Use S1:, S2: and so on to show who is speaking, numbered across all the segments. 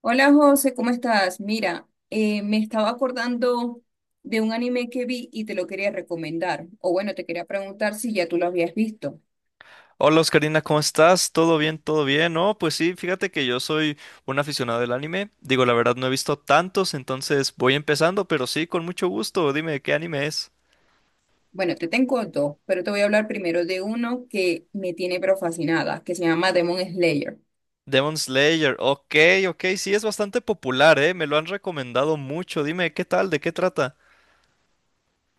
S1: Hola José, ¿cómo estás? Mira, me estaba acordando de un anime que vi y te lo quería recomendar. O bueno, te quería preguntar si ya tú lo habías visto.
S2: Hola Oscarina, ¿cómo estás? ¿Todo bien? ¿Todo bien? No, pues sí, fíjate que yo soy un aficionado del anime. Digo, la verdad no he visto tantos, entonces voy empezando, pero sí, con mucho gusto. Dime, ¿qué anime es?
S1: Bueno, te tengo dos, pero te voy a hablar primero de uno que me tiene pero fascinada, que se llama Demon Slayer.
S2: Demon Slayer. Ok, ok, sí, es bastante popular, ¿eh? Me lo han recomendado mucho. Dime, ¿qué tal? ¿De qué trata?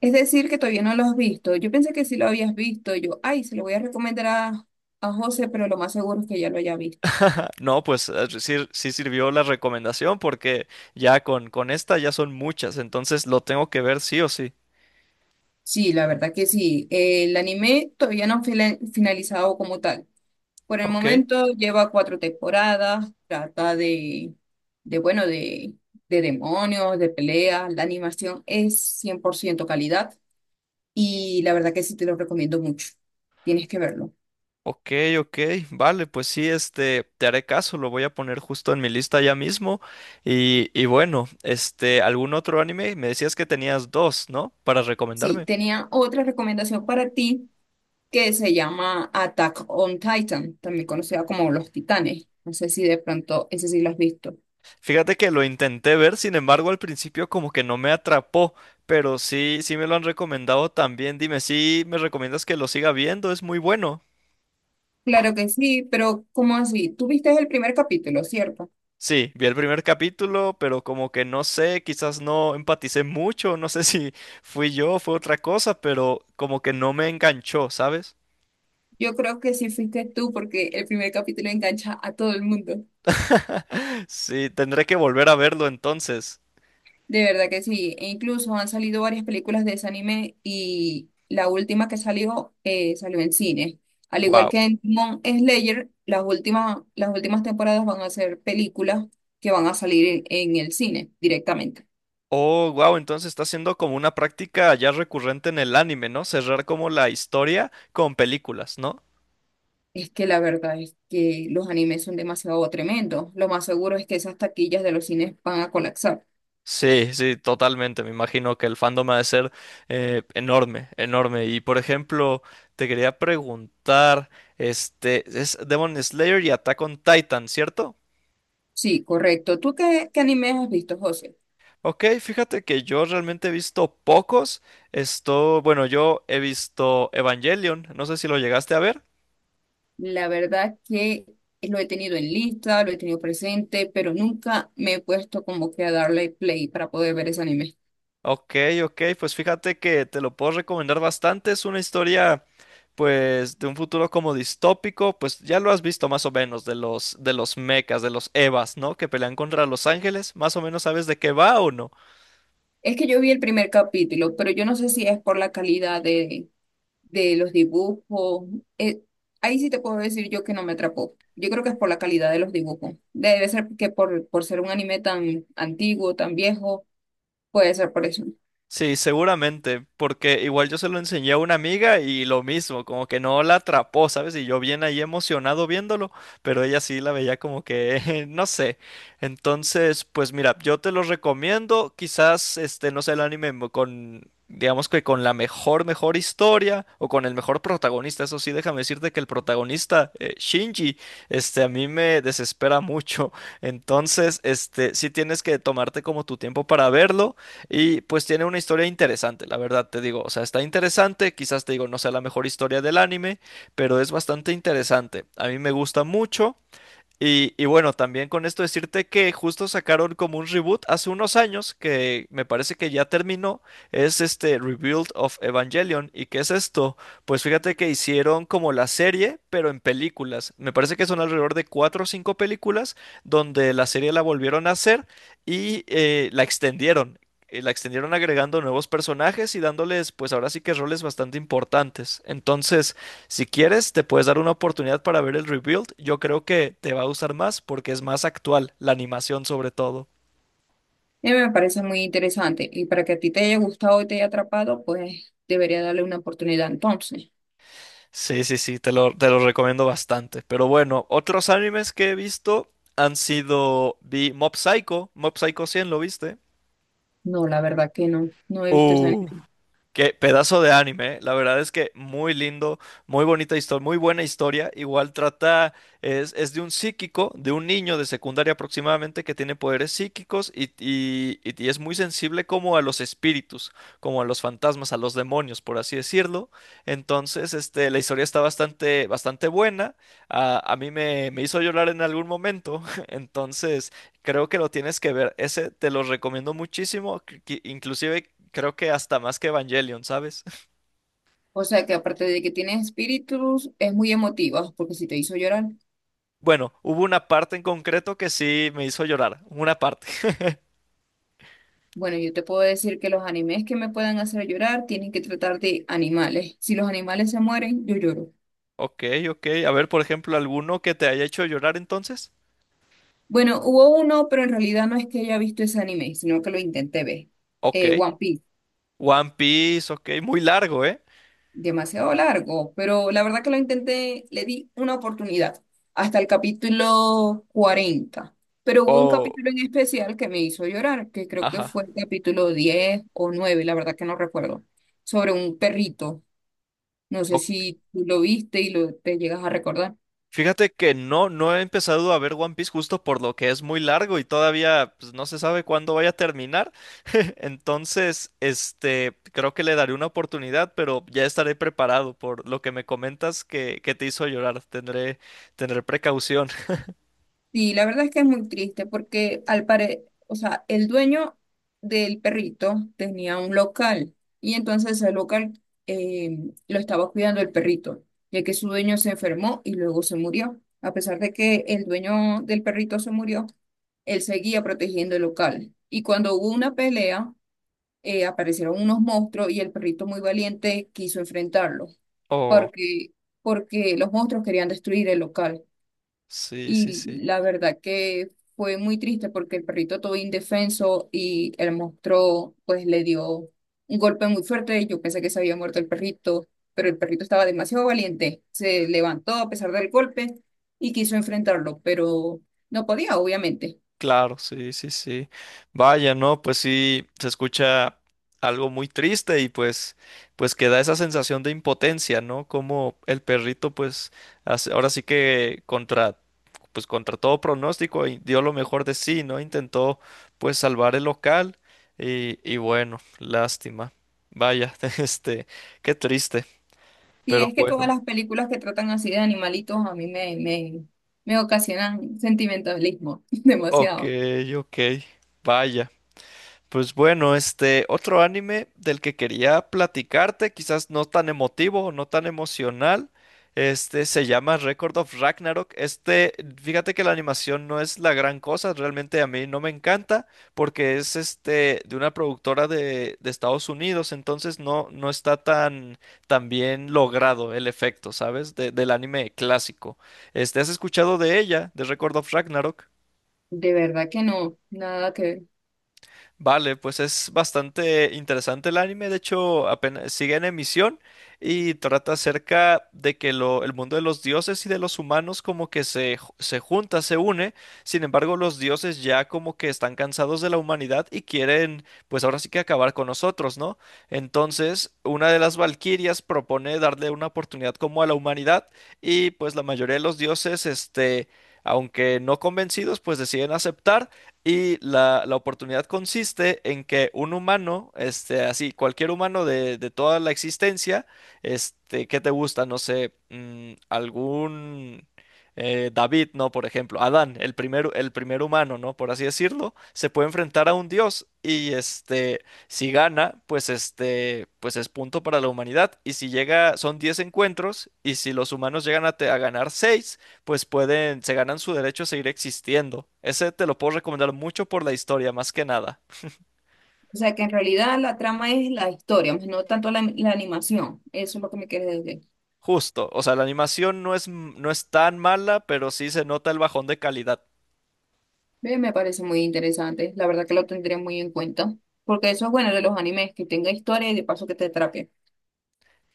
S1: Es decir, que todavía no lo has visto. Yo pensé que sí lo habías visto. Yo, ay, se lo voy a recomendar a José, pero lo más seguro es que ya lo haya visto.
S2: No, pues ah, sí, sí sirvió la recomendación porque ya con esta ya son muchas, entonces lo tengo que ver sí o sí.
S1: Sí, la verdad que sí. El anime todavía no ha finalizado como tal. Por el
S2: Ok.
S1: momento lleva 4 temporadas, trata de bueno, de demonios, de peleas, la animación es 100% calidad y la verdad que sí te lo recomiendo mucho, tienes que verlo.
S2: Ok, ok, vale, pues sí, este, te haré caso, lo voy a poner justo en mi lista ya mismo. Y bueno, este, ¿algún otro anime? Me decías que tenías dos, ¿no? Para
S1: Sí,
S2: recomendarme.
S1: tenía otra recomendación para ti que se llama Attack on Titan, también conocida como Los Titanes, no sé si de pronto ese sí lo has visto.
S2: Fíjate que lo intenté ver, sin embargo, al principio como que no me atrapó, pero sí, sí me lo han recomendado también. Dime, ¿sí me recomiendas que lo siga viendo? Es muy bueno.
S1: Claro que sí, pero ¿cómo así? Tú viste el primer capítulo, ¿cierto?
S2: Sí, vi el primer capítulo, pero como que no sé, quizás no empaticé mucho, no sé si fui yo, o fue otra cosa, pero como que no me enganchó, ¿sabes?
S1: Yo creo que sí fuiste tú porque el primer capítulo engancha a todo el mundo.
S2: Sí, tendré que volver a verlo entonces.
S1: De verdad que sí. E incluso han salido varias películas de ese anime y la última que salió salió en cine. Al igual
S2: Wow.
S1: que en Demon Slayer, las últimas temporadas van a ser películas que van a salir en el cine directamente.
S2: Oh, wow, entonces está siendo como una práctica ya recurrente en el anime, ¿no? Cerrar como la historia con películas, ¿no?
S1: Es que la verdad es que los animes son demasiado tremendos. Lo más seguro es que esas taquillas de los cines van a colapsar.
S2: Sí, sí, totalmente. Me imagino que el fandom ha de ser enorme, enorme. Y por ejemplo, te quería preguntar, este, es Demon Slayer y Attack on Titan, ¿cierto?
S1: Sí, correcto. ¿Tú qué, qué animes has visto, José?
S2: Ok, fíjate que yo realmente he visto pocos. Esto, bueno, yo he visto Evangelion, no sé si lo llegaste a ver.
S1: La verdad que lo he tenido en lista, lo he tenido presente, pero nunca me he puesto como que a darle play para poder ver ese anime.
S2: Ok, ok, pues fíjate que te lo puedo recomendar bastante. Es una historia, pues, de un futuro como distópico. Pues ya lo has visto más o menos, de los mechas, de los Evas, ¿no? Que pelean contra los ángeles. ¿Más o menos sabes de qué va o no?
S1: Es que yo vi el primer capítulo, pero yo no sé si es por la calidad de los dibujos. Eh, ahí sí te puedo decir yo que no me atrapó. Yo creo que es por la calidad de los dibujos. Debe ser que por ser un anime tan antiguo, tan viejo, puede ser por eso.
S2: Sí, seguramente, porque igual yo se lo enseñé a una amiga y lo mismo, como que no la atrapó, ¿sabes? Y yo bien ahí emocionado viéndolo, pero ella sí la veía como que, no sé. Entonces, pues mira, yo te lo recomiendo, quizás, este, no sé, el anime con, digamos que con la mejor, mejor historia o con el mejor protagonista, eso sí, déjame decirte que el protagonista, Shinji, este, a mí me desespera mucho. Entonces, este, sí tienes que tomarte como tu tiempo para verlo. Y pues tiene una historia interesante, la verdad te digo. O sea, está interesante, quizás te digo, no sea la mejor historia del anime, pero es bastante interesante. A mí me gusta mucho. Y bueno, también con esto decirte que justo sacaron como un reboot hace unos años que me parece que ya terminó, es este Rebuild of Evangelion. ¿Y qué es esto? Pues fíjate que hicieron como la serie, pero en películas. Me parece que son alrededor de cuatro o cinco películas donde la serie la volvieron a hacer y la extendieron. La extendieron agregando nuevos personajes y dándoles, pues ahora sí que roles bastante importantes. Entonces, si quieres, te puedes dar una oportunidad para ver el rebuild. Yo creo que te va a gustar más porque es más actual, la animación sobre todo.
S1: Y me parece muy interesante. Y para que a ti te haya gustado y te haya atrapado, pues debería darle una oportunidad entonces.
S2: Sí, sí, sí, te lo recomiendo bastante. Pero bueno, otros animes que he visto han sido... Vi Mob Psycho, Mob Psycho 100, ¿lo viste?
S1: No, la verdad que no, no he visto ese
S2: Uh.
S1: anime.
S2: Qué pedazo de anime, ¿eh? La verdad es que muy lindo, muy bonita historia, muy buena historia. Igual trata, es de un psíquico, de un niño de secundaria aproximadamente que tiene poderes psíquicos y, y es muy sensible como a los espíritus, como a los fantasmas, a los demonios, por así decirlo. Entonces, este, la historia está bastante, bastante buena. A mí me hizo llorar en algún momento. Entonces, creo que lo tienes que ver. Ese te lo recomiendo muchísimo. Que Inclusive creo que hasta más que Evangelion, ¿sabes?
S1: O sea que aparte de que tiene espíritus, es muy emotiva, porque si te hizo llorar,
S2: Bueno, hubo una parte en concreto que sí me hizo llorar. Una parte.
S1: bueno, yo te puedo decir que los animes que me puedan hacer llorar tienen que tratar de animales. Si los animales se mueren, yo lloro.
S2: Ok, ok. A ver, por ejemplo, alguno que te haya hecho llorar entonces.
S1: Bueno, hubo uno, pero en realidad no es que haya visto ese anime, sino que lo intenté ver.
S2: Ok.
S1: One Piece.
S2: One Piece, ok. Muy largo, ¿eh?
S1: Demasiado largo, pero la verdad que lo intenté, le di una oportunidad hasta el capítulo 40, pero hubo un
S2: O...
S1: capítulo en especial que me hizo llorar, que creo que
S2: Ajá.
S1: fue el capítulo 10 o 9, la verdad que no recuerdo, sobre un perrito. No sé si tú lo viste y lo, te llegas a recordar.
S2: Fíjate que no, no he empezado a ver One Piece justo por lo que es muy largo y todavía pues, no se sabe cuándo vaya a terminar. Entonces, este, creo que le daré una oportunidad, pero ya estaré preparado por lo que me comentas que te hizo llorar. Tendré, tendré precaución.
S1: Sí, la verdad es que es muy triste porque al pare, o sea, el dueño del perrito tenía un local y entonces el local lo estaba cuidando el perrito, ya que su dueño se enfermó y luego se murió. A pesar de que el dueño del perrito se murió, él seguía protegiendo el local. Y cuando hubo una pelea, aparecieron unos monstruos y el perrito muy valiente quiso enfrentarlo
S2: Oh,
S1: porque, porque los monstruos querían destruir el local.
S2: sí, sí,
S1: Y
S2: sí.
S1: la verdad que fue muy triste porque el perrito todo indefenso y el monstruo pues le dio un golpe muy fuerte. Yo pensé que se había muerto el perrito, pero el perrito estaba demasiado valiente. Se levantó a pesar del golpe y quiso enfrentarlo, pero no podía, obviamente.
S2: Claro, sí, sí, sí. Vaya, no, pues sí, se escucha algo muy triste y pues, pues que da esa sensación de impotencia, ¿no? Como el perrito, pues, ahora sí que contra, pues contra todo pronóstico y dio lo mejor de sí, ¿no? Intentó, pues, salvar el local y bueno, lástima. Vaya, este, qué triste,
S1: Y
S2: pero
S1: es que todas
S2: bueno.
S1: las películas que tratan así de animalitos a mí me, me, me ocasionan sentimentalismo
S2: Ok,
S1: demasiado.
S2: ok, vaya. Pues bueno, este otro anime del que quería platicarte, quizás no tan emotivo, no tan emocional, este se llama Record of Ragnarok. Este, fíjate que la animación no es la gran cosa, realmente a mí no me encanta porque es este de una productora de Estados Unidos, entonces no, no está tan, tan bien logrado el efecto, ¿sabes? Del anime clásico. Este, ¿has escuchado de ella, de Record of Ragnarok?
S1: De verdad que no, nada que ver.
S2: Vale, pues es bastante interesante el anime, de hecho apenas sigue en emisión y trata acerca de que el mundo de los dioses y de los humanos como que se, se junta, se une, sin embargo los dioses ya como que están cansados de la humanidad y quieren pues ahora sí que acabar con nosotros, ¿no? Entonces una de las valquirias propone darle una oportunidad como a la humanidad y pues la mayoría de los dioses, este, aunque no convencidos, pues deciden aceptar. Y la oportunidad consiste en que un humano, este, así, cualquier humano de toda la existencia, este, ¿qué te gusta? No sé, mm, algún David, ¿no? Por ejemplo, Adán, el primer humano, ¿no? Por así decirlo, se puede enfrentar a un dios y, este, si gana, pues, este, pues es punto para la humanidad. Y si llega, son 10 encuentros y si los humanos llegan a, a ganar 6 pues pueden, se ganan su derecho a seguir existiendo. Ese te lo puedo recomendar mucho por la historia, más que nada.
S1: O sea que en realidad la trama es la historia, más no tanto la, la animación. Eso es lo que me quieres decir.
S2: Justo, o sea, la animación no es, no es tan mala, pero sí se nota el bajón de calidad.
S1: Ve, me parece muy interesante. La verdad que lo tendré muy en cuenta. Porque eso es bueno de los animes, que tenga historia y de paso que te atrape.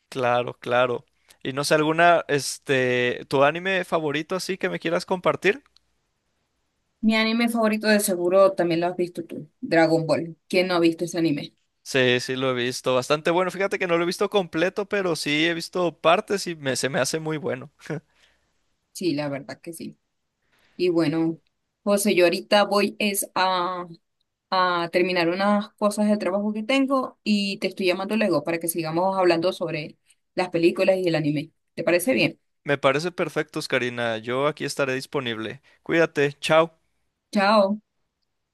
S2: Claro, claro. Y no sé, alguna, este, ¿tu anime favorito así que me quieras compartir?
S1: Mi anime favorito de seguro también lo has visto tú, Dragon Ball. ¿Quién no ha visto ese anime?
S2: Sí, sí lo he visto, bastante bueno. Fíjate que no lo he visto completo, pero sí he visto partes y me, se me hace muy bueno.
S1: Sí, la verdad que sí. Y bueno, José, yo ahorita voy es a terminar unas cosas de trabajo que tengo y te estoy llamando luego para que sigamos hablando sobre las películas y el anime. ¿Te parece bien?
S2: Me parece perfecto, Karina. Yo aquí estaré disponible. Cuídate, chao.
S1: Chao.